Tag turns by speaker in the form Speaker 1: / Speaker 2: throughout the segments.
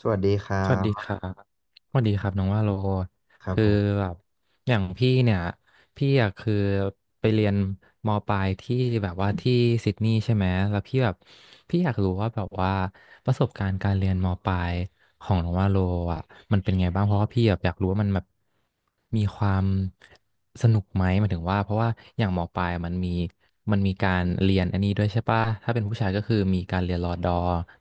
Speaker 1: สวัสดีครั
Speaker 2: สวัสดีค
Speaker 1: บ
Speaker 2: รับ สวัสดีครับน้องว่าโล
Speaker 1: ครับ
Speaker 2: คือ
Speaker 1: ผม
Speaker 2: แบบอย่างพี่เนี่ยพี่อะคือไปเรียนมปลายที่แบบว่าที่ซิดนีย์ใช่ไหมแล้วพี่แบบพี่อยากรู้ว่าแบบว่าประสบการณ์การเรียนมปลายของน้องว่าโลอ่ะมันเป็นไงบ้างเพราะว่าพี่แบบอยากรู้ว่ามันแบบมีความสนุกไหมหมายถึงว่าเพราะว่าอย่างมปลายมันมีการเรียนอันนี้ด้วยใช่ปะถ้าเป็นผู้ชายก็คือมีการเรียนรอดอ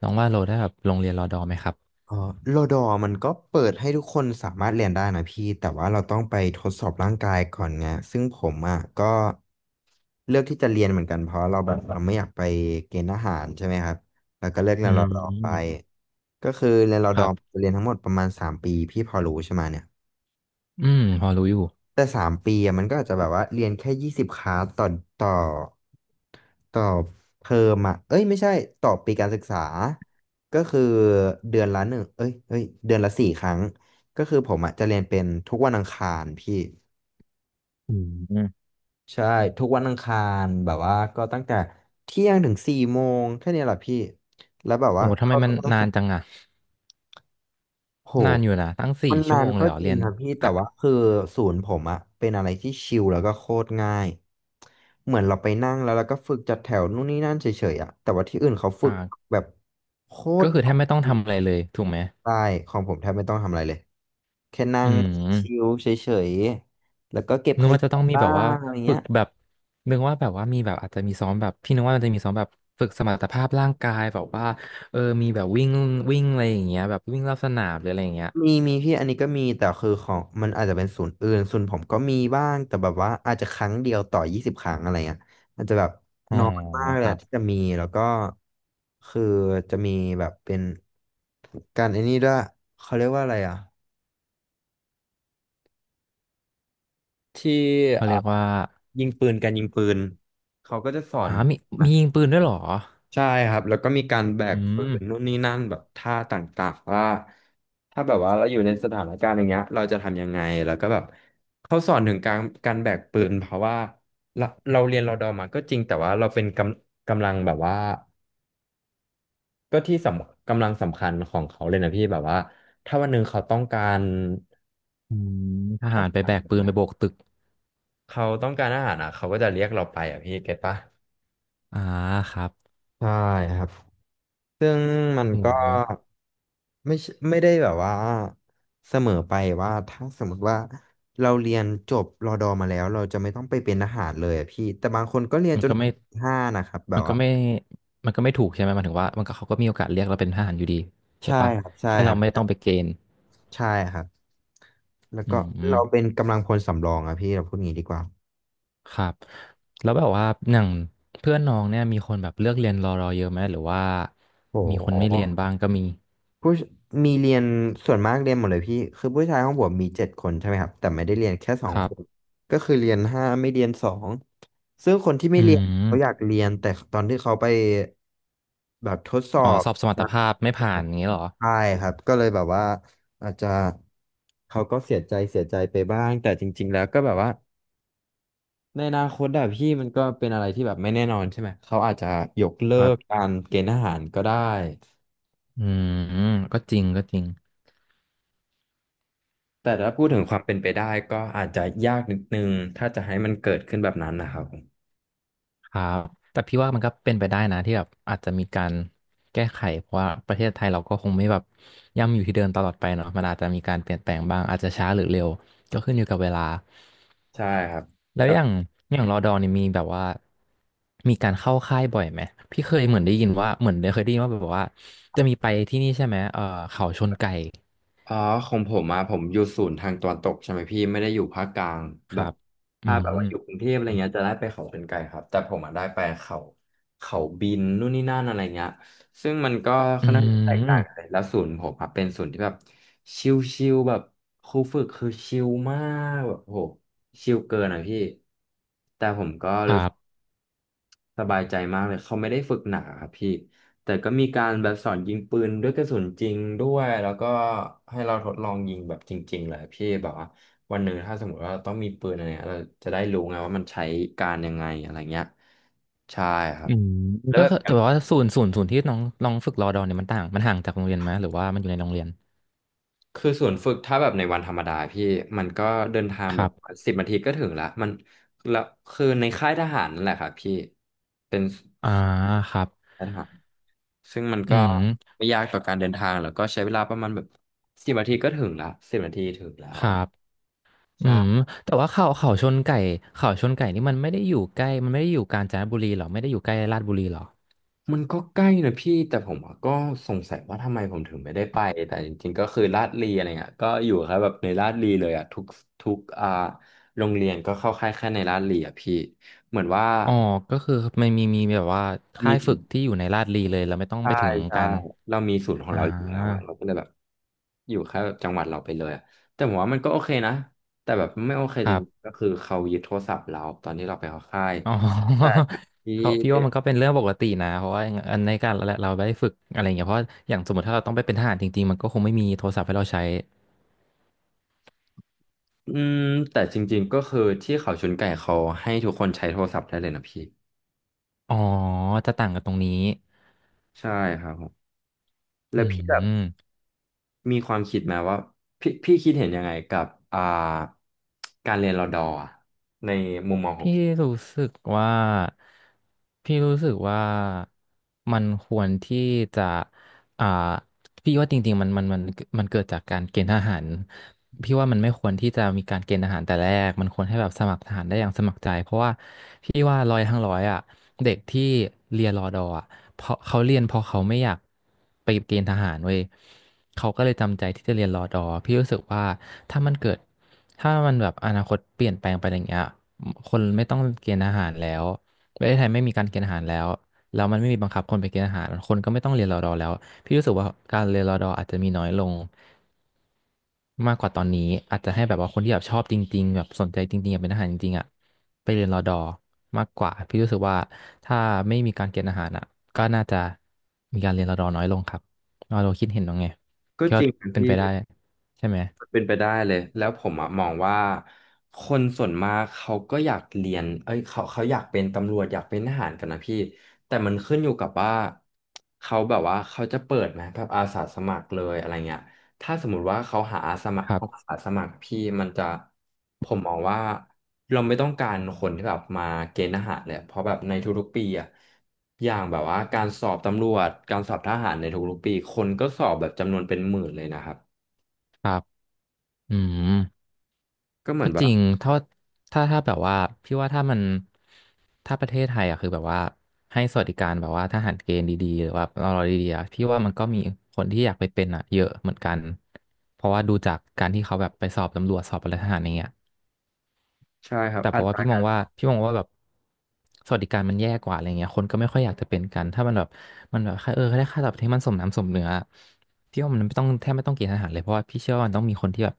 Speaker 2: น้องว่าโลได้แบบลงเรียนรอดอไหมครับ
Speaker 1: อ๋อโลดอมันก็เปิดให้ทุกคนสามารถเรียนได้นะพี่แต่ว่าเราต้องไปทดสอบร่างกายก่อนไงซึ่งผมอ่ะก็เลือกที่จะเรียนเหมือนกันเพราะเราแบบเราไม่อยากไปเกณฑ์ทหารใช่ไหมครับแล้วก็เลือกเรี
Speaker 2: อื
Speaker 1: ยนรอดอไป
Speaker 2: ม
Speaker 1: ก็คือเรียนรอ
Speaker 2: ค
Speaker 1: ดอ
Speaker 2: รั
Speaker 1: จะ
Speaker 2: บ
Speaker 1: เรียนทั้งหมดประมาณสามปีพี่พอรู้ใช่ไหมเนี่ย
Speaker 2: อืมพอรู้อยู่
Speaker 1: แต่3 ปีอะมันก็อาจจะแบบว่าเรียนแค่20 คลาสต่อต่อเทอมอ่ะเอ้ยไม่ใช่ต่อปีการศึกษาก็คือเดือนละหนึ่งเอ้ยเดือนละ4 ครั้งก็คือผมอ่ะจะเรียนเป็นทุกวันอังคารพี่
Speaker 2: อืม
Speaker 1: ใช่ทุกวันอังคารแบบว่าก็ตั้งแต่เที่ยงถึง4 โมงแค่เนี้ยแหละพี่แล้วแบบ
Speaker 2: โห
Speaker 1: ว่า
Speaker 2: ทำไมมันนานจังอะ
Speaker 1: โห
Speaker 2: นานอยู่นะตั้ง
Speaker 1: มั
Speaker 2: สี่
Speaker 1: น
Speaker 2: ชั่
Speaker 1: นา
Speaker 2: วโม
Speaker 1: น
Speaker 2: งเล
Speaker 1: ก็
Speaker 2: ยเหรอ
Speaker 1: จริ
Speaker 2: เรี
Speaker 1: ง
Speaker 2: ยน
Speaker 1: ครับพี่แต่
Speaker 2: ค่ะ
Speaker 1: ว่าคือศูนย์ผมอะเป็นอะไรที่ชิลแล้วก็โคตรง่ายเหมือนเราไปนั่งแล้วเราก็ฝึกจัดแถวนู่นนี่นั่นเฉยๆอะแต่ว่าที่อื่นเขาฝึก
Speaker 2: อ่า
Speaker 1: แบบโค
Speaker 2: ก็
Speaker 1: ตร
Speaker 2: คือ
Speaker 1: ห
Speaker 2: แท
Speaker 1: นั
Speaker 2: บ
Speaker 1: ก
Speaker 2: ไม่ต้องทำอะไรเลย ถูกไหม
Speaker 1: ใช่ของผมแทบไม่ต้องทำอะไรเลยแค่นั่
Speaker 2: อื
Speaker 1: งชิล
Speaker 2: ม
Speaker 1: เฉยๆแล้วก็เก็บ
Speaker 2: นึ
Speaker 1: ข
Speaker 2: กว่า
Speaker 1: ยะ
Speaker 2: จะต้องมี
Speaker 1: บ้า
Speaker 2: แบบว่า
Speaker 1: งอะไร
Speaker 2: ฝึ
Speaker 1: เงี้
Speaker 2: ก
Speaker 1: ย
Speaker 2: แบบนึกว่าแบบว่ามีแบบอาจจะมีซ้อมแบบพี่นึกว่ามันจะมีซ้อมแบบฝึกสมรรถภาพร่างกายแบบว่าเออมีแบบวิ่งวิ่งอะไรอย่างเงี้ยแบบวิ่งรอบสนามหรืออะไรอย่างเงี้ย
Speaker 1: มีพี่อันนี้ก็มีแต่คือของมันอาจจะเป็นศูนย์อื่นศูนย์ผมก็มีบ้างแต่แบบว่าอาจจะครั้งเดียวต่อ20 ครั้งอะไรเงี้ยอาจจะแบบ
Speaker 2: อ๋อ
Speaker 1: น้อยมากเล
Speaker 2: ค
Speaker 1: ย
Speaker 2: รั
Speaker 1: อะที่จะ
Speaker 2: บ
Speaker 1: มีแล้วก็คือจะมีแบบเป็นการไอ้นี่ด้วยเขาเรียกว่าอะไรอ่ะที่
Speaker 2: เขา
Speaker 1: อ่า
Speaker 2: เรียกว่า
Speaker 1: ยิงปืนการยิงปืนเขาก็จะสอ
Speaker 2: อ่า
Speaker 1: น
Speaker 2: มีมียิงปืนด้วยเหรอ
Speaker 1: ใช่ครับแล้วก็มีการแบ
Speaker 2: อื
Speaker 1: กปื
Speaker 2: ม
Speaker 1: นนู่นนี่นั่นแบบท่าต่างๆว่าถ้าแบบว่าเราอยู่ในสถานการณ์อย่างเงี้ยเราจะทำยังไงแล้วก็แบบเขาสอนถึงการแบกปืนเพราะว่าเราเราเรียนรอดอมาก็จริงแต่ว่าเราเป็นกำลังแบบว่าก็ที่สำคัญของเขาเลยนะพี่แบบว่าถ้าวันหนึ่งเขาต้องการ
Speaker 2: อืมท
Speaker 1: อา
Speaker 2: หารไป
Speaker 1: หา
Speaker 2: แบ
Speaker 1: ร
Speaker 2: กปืนไป
Speaker 1: เนะ
Speaker 2: โบกตึก
Speaker 1: เขาต้องการอาหารอ่ะเขาก็จะเรียกเราไปอ่ะพี่เก็ตปะ
Speaker 2: อ่าครับ
Speaker 1: ใช่ครับซึ่งมัน
Speaker 2: โอ้
Speaker 1: ก็
Speaker 2: โห
Speaker 1: ไม่ใช่ไม่ได้แบบว่าเสมอไปว่าถ้าสมมติว่าเราเรียนจบรอดอมาแล้วเราจะไม่ต้องไปเป็นทหารเลยอะพี่แต่บางคนก็เรียน
Speaker 2: มัน
Speaker 1: จน
Speaker 2: ก็
Speaker 1: ถึ
Speaker 2: ไม่
Speaker 1: งห้านะครับแบ
Speaker 2: มั
Speaker 1: บ
Speaker 2: นก็
Speaker 1: ว่า
Speaker 2: ไม่ มันก็ไม่ถูกใช่ไหมมันถึงว่ามันก็เขาก็มีโอกาสเรียกเราเป็นทหารอยู่ดีใช่
Speaker 1: ใช่
Speaker 2: ปะ
Speaker 1: ครับใช่
Speaker 2: แค่
Speaker 1: ค
Speaker 2: เรา
Speaker 1: รั
Speaker 2: ไม่ต้องไป
Speaker 1: บ
Speaker 2: เกณฑ์
Speaker 1: ใช่ครับแล้ว
Speaker 2: อื
Speaker 1: ก็
Speaker 2: ม
Speaker 1: เราเป็นกำลังพลสำรองอะพี่เราพูดงี้ดีกว่า
Speaker 2: ครับแล้วแบบว่าอย่างเพื่อนน้องเนี่ยมีคนแบบเลือกเรียนรอเยอะไหมหรือว่า
Speaker 1: โอ้
Speaker 2: มีคนไม่เรียน
Speaker 1: โห
Speaker 2: บ้างก็มี
Speaker 1: ผู้ชมีเรียนส่วนมากเรียนหมดเลยพี่คือผู้ชายห้องผมมี7 คนใช่ไหมครับแต่ไม่ได้เรียนแค่สอ
Speaker 2: ค
Speaker 1: ง
Speaker 2: รั
Speaker 1: ค
Speaker 2: บ
Speaker 1: นก็คือเรียนห้าไม่เรียนสองซึ่งคนที่ไม่
Speaker 2: อื
Speaker 1: เรียนเขาอยาก
Speaker 2: ม
Speaker 1: เรียนแต่ตอนที่เขาไปแบบทดสอ
Speaker 2: อ๋อ
Speaker 1: บ
Speaker 2: สอบสมรรถ
Speaker 1: มา
Speaker 2: ภาพไม่ผ่านอย่างเงี้ยเหรอ
Speaker 1: ใช่ครับก็เลยแบบว่าอาจจะเขาก็เสียใจเสียใจไปบ้างแต่จริงๆแล้วก็แบบว่าในอนาคตอะพี่มันก็เป็นอะไรที่แบบไม่แน่นอนใช่ไหมเขาอาจจะยกเลิ
Speaker 2: ครั
Speaker 1: กกา
Speaker 2: บ
Speaker 1: รเกณฑ์ทหารก็ได้
Speaker 2: อืมก็จริงก็จริง
Speaker 1: แต่ถ้าพูดถึงความเป็นไปได้ก็อาจจะยากนิดนึงถ้าจะให้มันเกิดขึ้นแบบนั้นนะครับ
Speaker 2: ครับแต่พี่ว่ามันก็เป็นไปได้นะที่แบบอาจจะมีการแก้ไขเพราะว่าประเทศไทยเราก็คงไม่แบบย่ำอยู่ที่เดิมตลอดไปเนาะมันอาจจะมีการเปลี่ยนแปลงบ้างอาจจะช้าหรือเร็วก็ขึ้นอยู่กับเวลา
Speaker 1: ใช่ครับ
Speaker 2: แล้ว
Speaker 1: แบ
Speaker 2: อ
Speaker 1: บ
Speaker 2: ย่างอย่างรอดอนี่มีแบบว่ามีการเข้าค่ายบ่อยไหมพี่เคยเหมือนได้ยินว่าเหมือนเคยได้ยินว่าแบบว่าจะมีไปที่นี่ใช่ไหมเออเขาชนไก่
Speaker 1: อ๋อของผมมาผมอยู่ศูนย์ทางตะวันตกใช่ไหมพี่ไม่ได้อยู่ภาคกลาง
Speaker 2: ค
Speaker 1: แบบ
Speaker 2: รับอื
Speaker 1: ถ้าแบบว่า
Speaker 2: ม
Speaker 1: อยู่กรุงเทพอะไรเงี้ยจะได้ไปเขาเป็นไกลครับแต่ผมอ่ะได้ไปเขาเขาบินนู่นนี่นั่นอะไรเงี้ยซึ่งมันก็
Speaker 2: อื
Speaker 1: ค่อนข้างจะแตกต่างกัน
Speaker 2: ม
Speaker 1: แล้วศูนย์ผมอ่ะเป็นศูนย์ที่แบบชิลๆแบบครูฝึกคือชิลมากแบบโหชิลเกินอ่ะพี่แต่ผมก็
Speaker 2: ครั
Speaker 1: รู้
Speaker 2: บ
Speaker 1: สบายใจมากเลยเขาไม่ได้ฝึกหนาครับพี่แต่ก็มีการแบบสอนยิงปืนด้วยกระสุนจริงด้วยแล้วก็ให้เราทดลองยิงแบบจริงๆเลยพี่แบบว่าวันหนึ่งถ้าสมมติว่าเราต้องมีปืนอะไรเงี้ยเราจะได้รู้ไงว่ามันใช้การยังไงอะไรเงี้ยใช่ครั
Speaker 2: อื
Speaker 1: บ
Speaker 2: ม
Speaker 1: แล้ว
Speaker 2: ก็คือ
Speaker 1: แบ
Speaker 2: แต่
Speaker 1: บ
Speaker 2: ว่าศูนย์ที่น้องน้องฝึกรอดอเนี่ยมันต่างมันห่างจากโรงเรียนไหมหรือว่ามันอยู่ในโรงเรียน
Speaker 1: คือส่วนย์ฝึกถ้าแบบในวันธรรมดาพี่มันก็เดินทาง
Speaker 2: ค
Speaker 1: แบ
Speaker 2: รั
Speaker 1: บ
Speaker 2: บ
Speaker 1: สิบนาทีก็ถึงละมันแล้วคือในค่ายทหารนั่นแหละครับพี่เป็น
Speaker 2: อ่าครับ
Speaker 1: ค่ายทหาร ซึ่งมัน
Speaker 2: อื
Speaker 1: ก็
Speaker 2: ม
Speaker 1: ไม่ยากต่อการเดินทางแล้วก็ใช้เวลาประมาณแบบสิบนาทีก็ถึงละสิบนาทีถึงแล้
Speaker 2: ค
Speaker 1: ว
Speaker 2: รั
Speaker 1: อะ
Speaker 2: บอืม
Speaker 1: ใช่
Speaker 2: แต่ว่าเขาเขาชนไก่เขาชนไก่นี่มันไม่ได้อยู่ใกล้มันไม่ได้อยู่กาญจนบุรีเหรอไม่ได้อยู่ใกล้ลาดบุรีเหรอ
Speaker 1: มันก็ใกล้นะพี่แต่ผมอะก็สงสัยว่าทำไมผมถึงไม่ได้ไปแต่จริงๆก็คือลาดลีอะไรเงี้ยก็อยู่แค่แบบในลาดลีเลยอ่ะทุกโรงเรียนก็เข้าค่ายแค่ในลาดลีอ่ะพี่เหมือนว่า
Speaker 2: อ๋อก็คือมันมีแบบว่าค่า
Speaker 1: มี
Speaker 2: ยฝึกที่อยู่ในลาดบุรีเลยเราไม่ต้อง
Speaker 1: ใช่
Speaker 2: ไปถึง
Speaker 1: ใช่
Speaker 2: กัน
Speaker 1: เรามีศูนย์ของ
Speaker 2: อ่า
Speaker 1: เราอยู่แล้วอะเราก็เลยแบบอยู่แค่จังหวัดเราไปเลยอะแต่ผมว่ามันก็โอเคนะแต่แบบไม่โอเค
Speaker 2: ค
Speaker 1: จ
Speaker 2: รั
Speaker 1: ริง
Speaker 2: บ
Speaker 1: ก็คือเขายึดโทรศัพท์เราตอนที่เราไปเข้าค่าย
Speaker 2: อ๋อ
Speaker 1: แต่ที่
Speaker 2: เขาพี่ว่ามันก็เป็นเรื่องปกตินะเพราะว่าอันในการเราเราได้ฝึกอะไรอย่างเงี้ยเพราะอย่างสมมติถ้าเราต้องไปเป็นทหารจริงๆมันก็คงไม่มีโทรศัพท์ให้เราใช้
Speaker 1: อืมแต่จริงๆก็คือที่เขาชนไก่เขาให้ทุกคนใช้โทรศัพท์ได้เลยนะพี่
Speaker 2: อ๋อจะต่างกันตรงนี้
Speaker 1: ใช่ครับผมแล้
Speaker 2: อื
Speaker 1: วพี่แบบ
Speaker 2: ม
Speaker 1: มีความคิดไหมว่าพี่คิดเห็นยังไงกับการเรียนรอดอร์อะในมุมมองของ
Speaker 2: พี่
Speaker 1: พี่
Speaker 2: รู้สึกว่าพี่รู้สึกว่ามันควรที่จะอ่าพี่ว่าจริงๆมันเกิดจากการเกณฑ์ทหารพี่ว่ามันไม่ควรที่จะมีการเกณฑ์ทหารแต่แรกมันควรให้แบบสมัครทหารได้อย่างสมัครใจเพราะว่าพี่ว่าร้อยทั้งร้อยอ่ะเด็กที่เรียนรอดออ่ะเพราะเขาเรียนเพราะเขาไม่อยากไปเกณฑ์ทหารเว้ยเขาก็เลยจำใจที่จะเรียนรอดอพี่รู้สึกว่าถ้ามันเกิดถ้ามันแบบอนาคตเปลี่ยนแปลงไปอย่างเงี้ย คนไม่ต้องเกณฑ์อาหารแล้วประเทศไทยไม่มีการเกณฑ์อาหารแล้วแล้วมันไม่มีบังคับคนไปเกณฑ์อาหารคนก็ไม่ต้องเรียนรอดอแล้วพี่รู้สึกว่าการเรียนรอดออาจจะมีน้อยลงมากกว่าตอนนี้อาจจะให้แบบว่าคนที่แบบชอบจริงๆแบบสนใจจริงๆอยากเป็นทหารจริงๆอ่ะไปเรียนรอดอมากกว่าพี่รู้สึกว่าถ้าไม่มีการเกณฑ์อาหารอ่ะก็น่าจะมีการเรียนรอดอน้อยลงครับเราคิดเห็นว่าไง
Speaker 1: ก็
Speaker 2: ก็
Speaker 1: จริงนะ
Speaker 2: เป็น
Speaker 1: พี่
Speaker 2: ไปได้ใช่ไหม
Speaker 1: เป็นไปได้เลยแล้วผมอะมองว่าคนส่วนมากเขาก็อยากเรียนเอ้ยเขาอยากเป็นตำรวจอยากเป็นทหารกันนะพี่แต่มันขึ้นอยู่กับว่าเขาแบบว่าเขาจะเปิดไหมแบบอาสาสมัครเลยอะไรเงี้ยถ้าสมมติว่าเขาหาอาสาสมัคร
Speaker 2: ครั
Speaker 1: อา
Speaker 2: บ
Speaker 1: สาสมัครพี่มันจะผมมองว่าเราไม่ต้องการคนที่แบบมาเกณฑ์ทหารเลยเพราะแบบในทุกๆปีอะอย่างแบบว่าการสอบตำรวจการสอบทหารในทุกๆปีคนก็สอบแบบจำนวนเป็นหมื่นเลยนะครับ
Speaker 2: ครับอืม
Speaker 1: ก็เหมือ
Speaker 2: ก็
Speaker 1: นแบ
Speaker 2: จ
Speaker 1: บ
Speaker 2: ริงถ้าแบบว่าพี่ว่าถ้ามันถ้าประเทศไทยอะคือแบบว่าให้สวัสดิการแบบว่าทหารเกณฑ์ดีๆหรือว่าตลดีๆอะพี่ว่ามันก็มีคนที่อยากไปเป็นอะเยอะเหมือนกันเพราะว่าดูจากการที่เขาแบบไปสอบตำรวจสอบอะไรทหารอย่างเงี้ย
Speaker 1: ใช่ครับ
Speaker 2: แต่เพ
Speaker 1: อั
Speaker 2: ราะว่า
Speaker 1: ตราการ
Speaker 2: พี่มองว่าแบบสวัสดิการมันแย่กว่าอะไรเงี้ยคนก็ไม่ค่อยอยากจะเป็นกันถ้ามันแบบมันแบบแค่าเออได้ค่าตอบแทนที่มันสมน้ำสมเนื้อพี่ว่ามันไม่ต้องแทบไม่ต้องเกณฑ์ทหารเลยเพราะว่าพี่เชื่อว่ามันต้องมีคนที่แบบ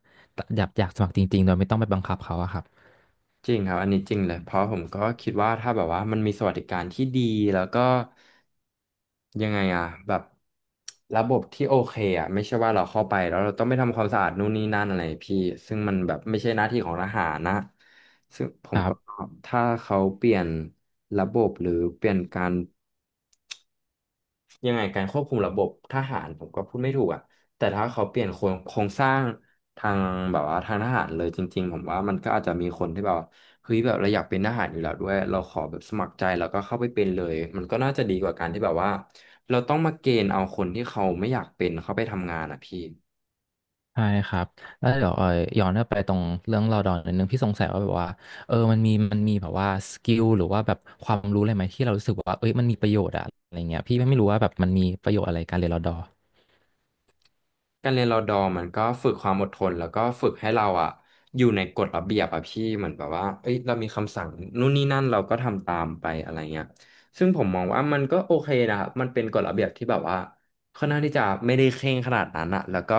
Speaker 2: อยากสมัครจริงๆโดยไม่ต้องไปบังคับเขาอะครับ
Speaker 1: จริงครับอันนี้จริงเลยเพราะผมก็คิดว่าถ้าแบบว่ามันมีสวัสดิการที่ดีแล้วก็ยังไงอะแบบระบบที่โอเคอะไม่ใช่ว่าเราเข้าไปแล้วเราต้องไปทำความสะอาดนู่นนี่นั่นอะไรพี่ซึ่งมันแบบไม่ใช่หน้าที่ของทหารนะซึ่งผ
Speaker 2: ค
Speaker 1: ม
Speaker 2: รั
Speaker 1: ก็
Speaker 2: บ
Speaker 1: ถ้าเขาเปลี่ยนระบบหรือเปลี่ยนการ ยังไงการควบคุมระบบทหารผมก็พูดไม่ถูกอ่ะแต่ถ้าเขาเปลี่ยนโครงสร้างทางแบบว่าทางทหารเลยจริงๆผมว่ามันก็อาจจะมีคนที่แบบว่าเฮ้ยแบบเราอยากเป็นทหารอยู่แล้วด้วยเราขอแบบสมัครใจแล้วก็เข้าไปเป็นเลยมันก็น่าจะดีกว่าการที่แบบว่าเราต้องมาเกณฑ์เอาคนที่เขาไม่อยากเป็นเข้าไปทำงานอ่ะพี่
Speaker 2: ใช่ครับแล้วเดี๋ยวย้อนกลับไปตรงเรื่องเราดอนนิดนึงพี่สงสัยว่าแบบว่าเออมันมีแบบว่าสกิลหรือว่าแบบความรู้อะไรไหมที่เรารู้สึกว่าเอ้ยมันมีประโยชน์อะอะไรเงี้ยพี่ไม่รู้ว่าแบบมันมีประโยชน์อะไรการเรียนรอดอ
Speaker 1: การเรียนรอดอร์มันก็ฝึกความอดทนแล้วก็ฝึกให้เราอะอยู่ในกฎระเบียบอะพี่เหมือนแบบว่าเอ้ยเรามีคำสั่งนู่นนี่นั่นเราก็ทำตามไปอะไรเงี้ยซึ่งผมมองว่ามันก็โอเคนะครับมันเป็นกฎระเบียบที่แบบว่าค่อนข้างที่จะไม่ได้เคร่งขนาดนั้นอะแล้วก็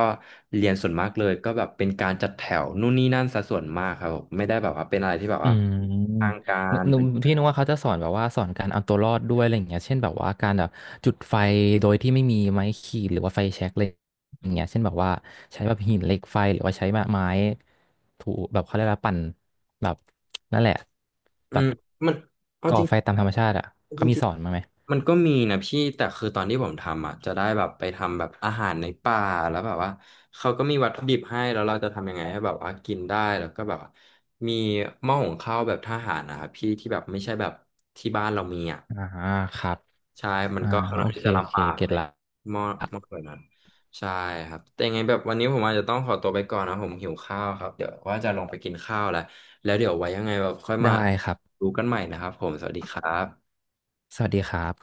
Speaker 1: เรียนส่วนมากเลยก็แบบเป็นการจัดแถวนู่นนี่นั่นซะส่วนมากครับผมไม่ได้แบบว่าเป็นอะไรที่แบบ
Speaker 2: อื
Speaker 1: ว่า
Speaker 2: ม
Speaker 1: ทางกา
Speaker 2: หนึก
Speaker 1: ร
Speaker 2: น
Speaker 1: เป็
Speaker 2: พี่
Speaker 1: น
Speaker 2: นึกว่าเขาจะสอนแบบว่าสอนการเอาตัวรอดด้วยอะไรอย่างเงี้ยเช่นแบบว่าการแบบจุดไฟโดยที่ไม่มีไม้ขีดหรือว่าไฟแช็กอะไรอย่างเงี้ยเช่นแบบว่าใช้แบบหินเหล็กไฟหรือว่าใช้ไม้ถูแบบเขาเรียกว่าปั่นแบบนั่นแหละ
Speaker 1: อื
Speaker 2: แบบ
Speaker 1: มมันเอา
Speaker 2: ก่อ
Speaker 1: จริง
Speaker 2: ไฟตามธรรมชาติอ่ะ
Speaker 1: จ
Speaker 2: เขามี
Speaker 1: ริ
Speaker 2: ส
Speaker 1: ง
Speaker 2: อนมาไหม
Speaker 1: มันก็มีนะพี่แต่คือตอนที่ผมทำอ่ะจะได้แบบไปทำแบบอาหารในป่าแล้วแบบว่าเขาก็มีวัตถุดิบให้แล้วเราจะทำยังไงให้แบบว่ากินได้แล้วก็แบบว่ามีหม้อหุงข้าวแบบทหารนะครับพี่ที่แบบไม่ใช่แบบที่บ้านเรามีอ่ะ
Speaker 2: อ่าครับ
Speaker 1: ใช่มัน
Speaker 2: อ่า
Speaker 1: ก็ค่อน
Speaker 2: โอ
Speaker 1: ข้าง
Speaker 2: เค
Speaker 1: ที่จะ
Speaker 2: โอ
Speaker 1: ลำ
Speaker 2: เค
Speaker 1: บาก
Speaker 2: เก็ต
Speaker 1: เลย
Speaker 2: ละ
Speaker 1: หม้อหม้อแบบนั้นใช่ครับแต่ยังไงแบบวันนี้ผมอาจจะต้องขอตัวไปก่อนนะผมหิวข้าวครับเดี๋ยวว่าจะลงไปกินข้าวแล้วแล้วเดี๋ยวไว้ยังไงแบบค่อยมา
Speaker 2: ได้ครับ
Speaker 1: ดูกันใหม่นะครับผมสวัสดีครับ
Speaker 2: สวัสดีครับ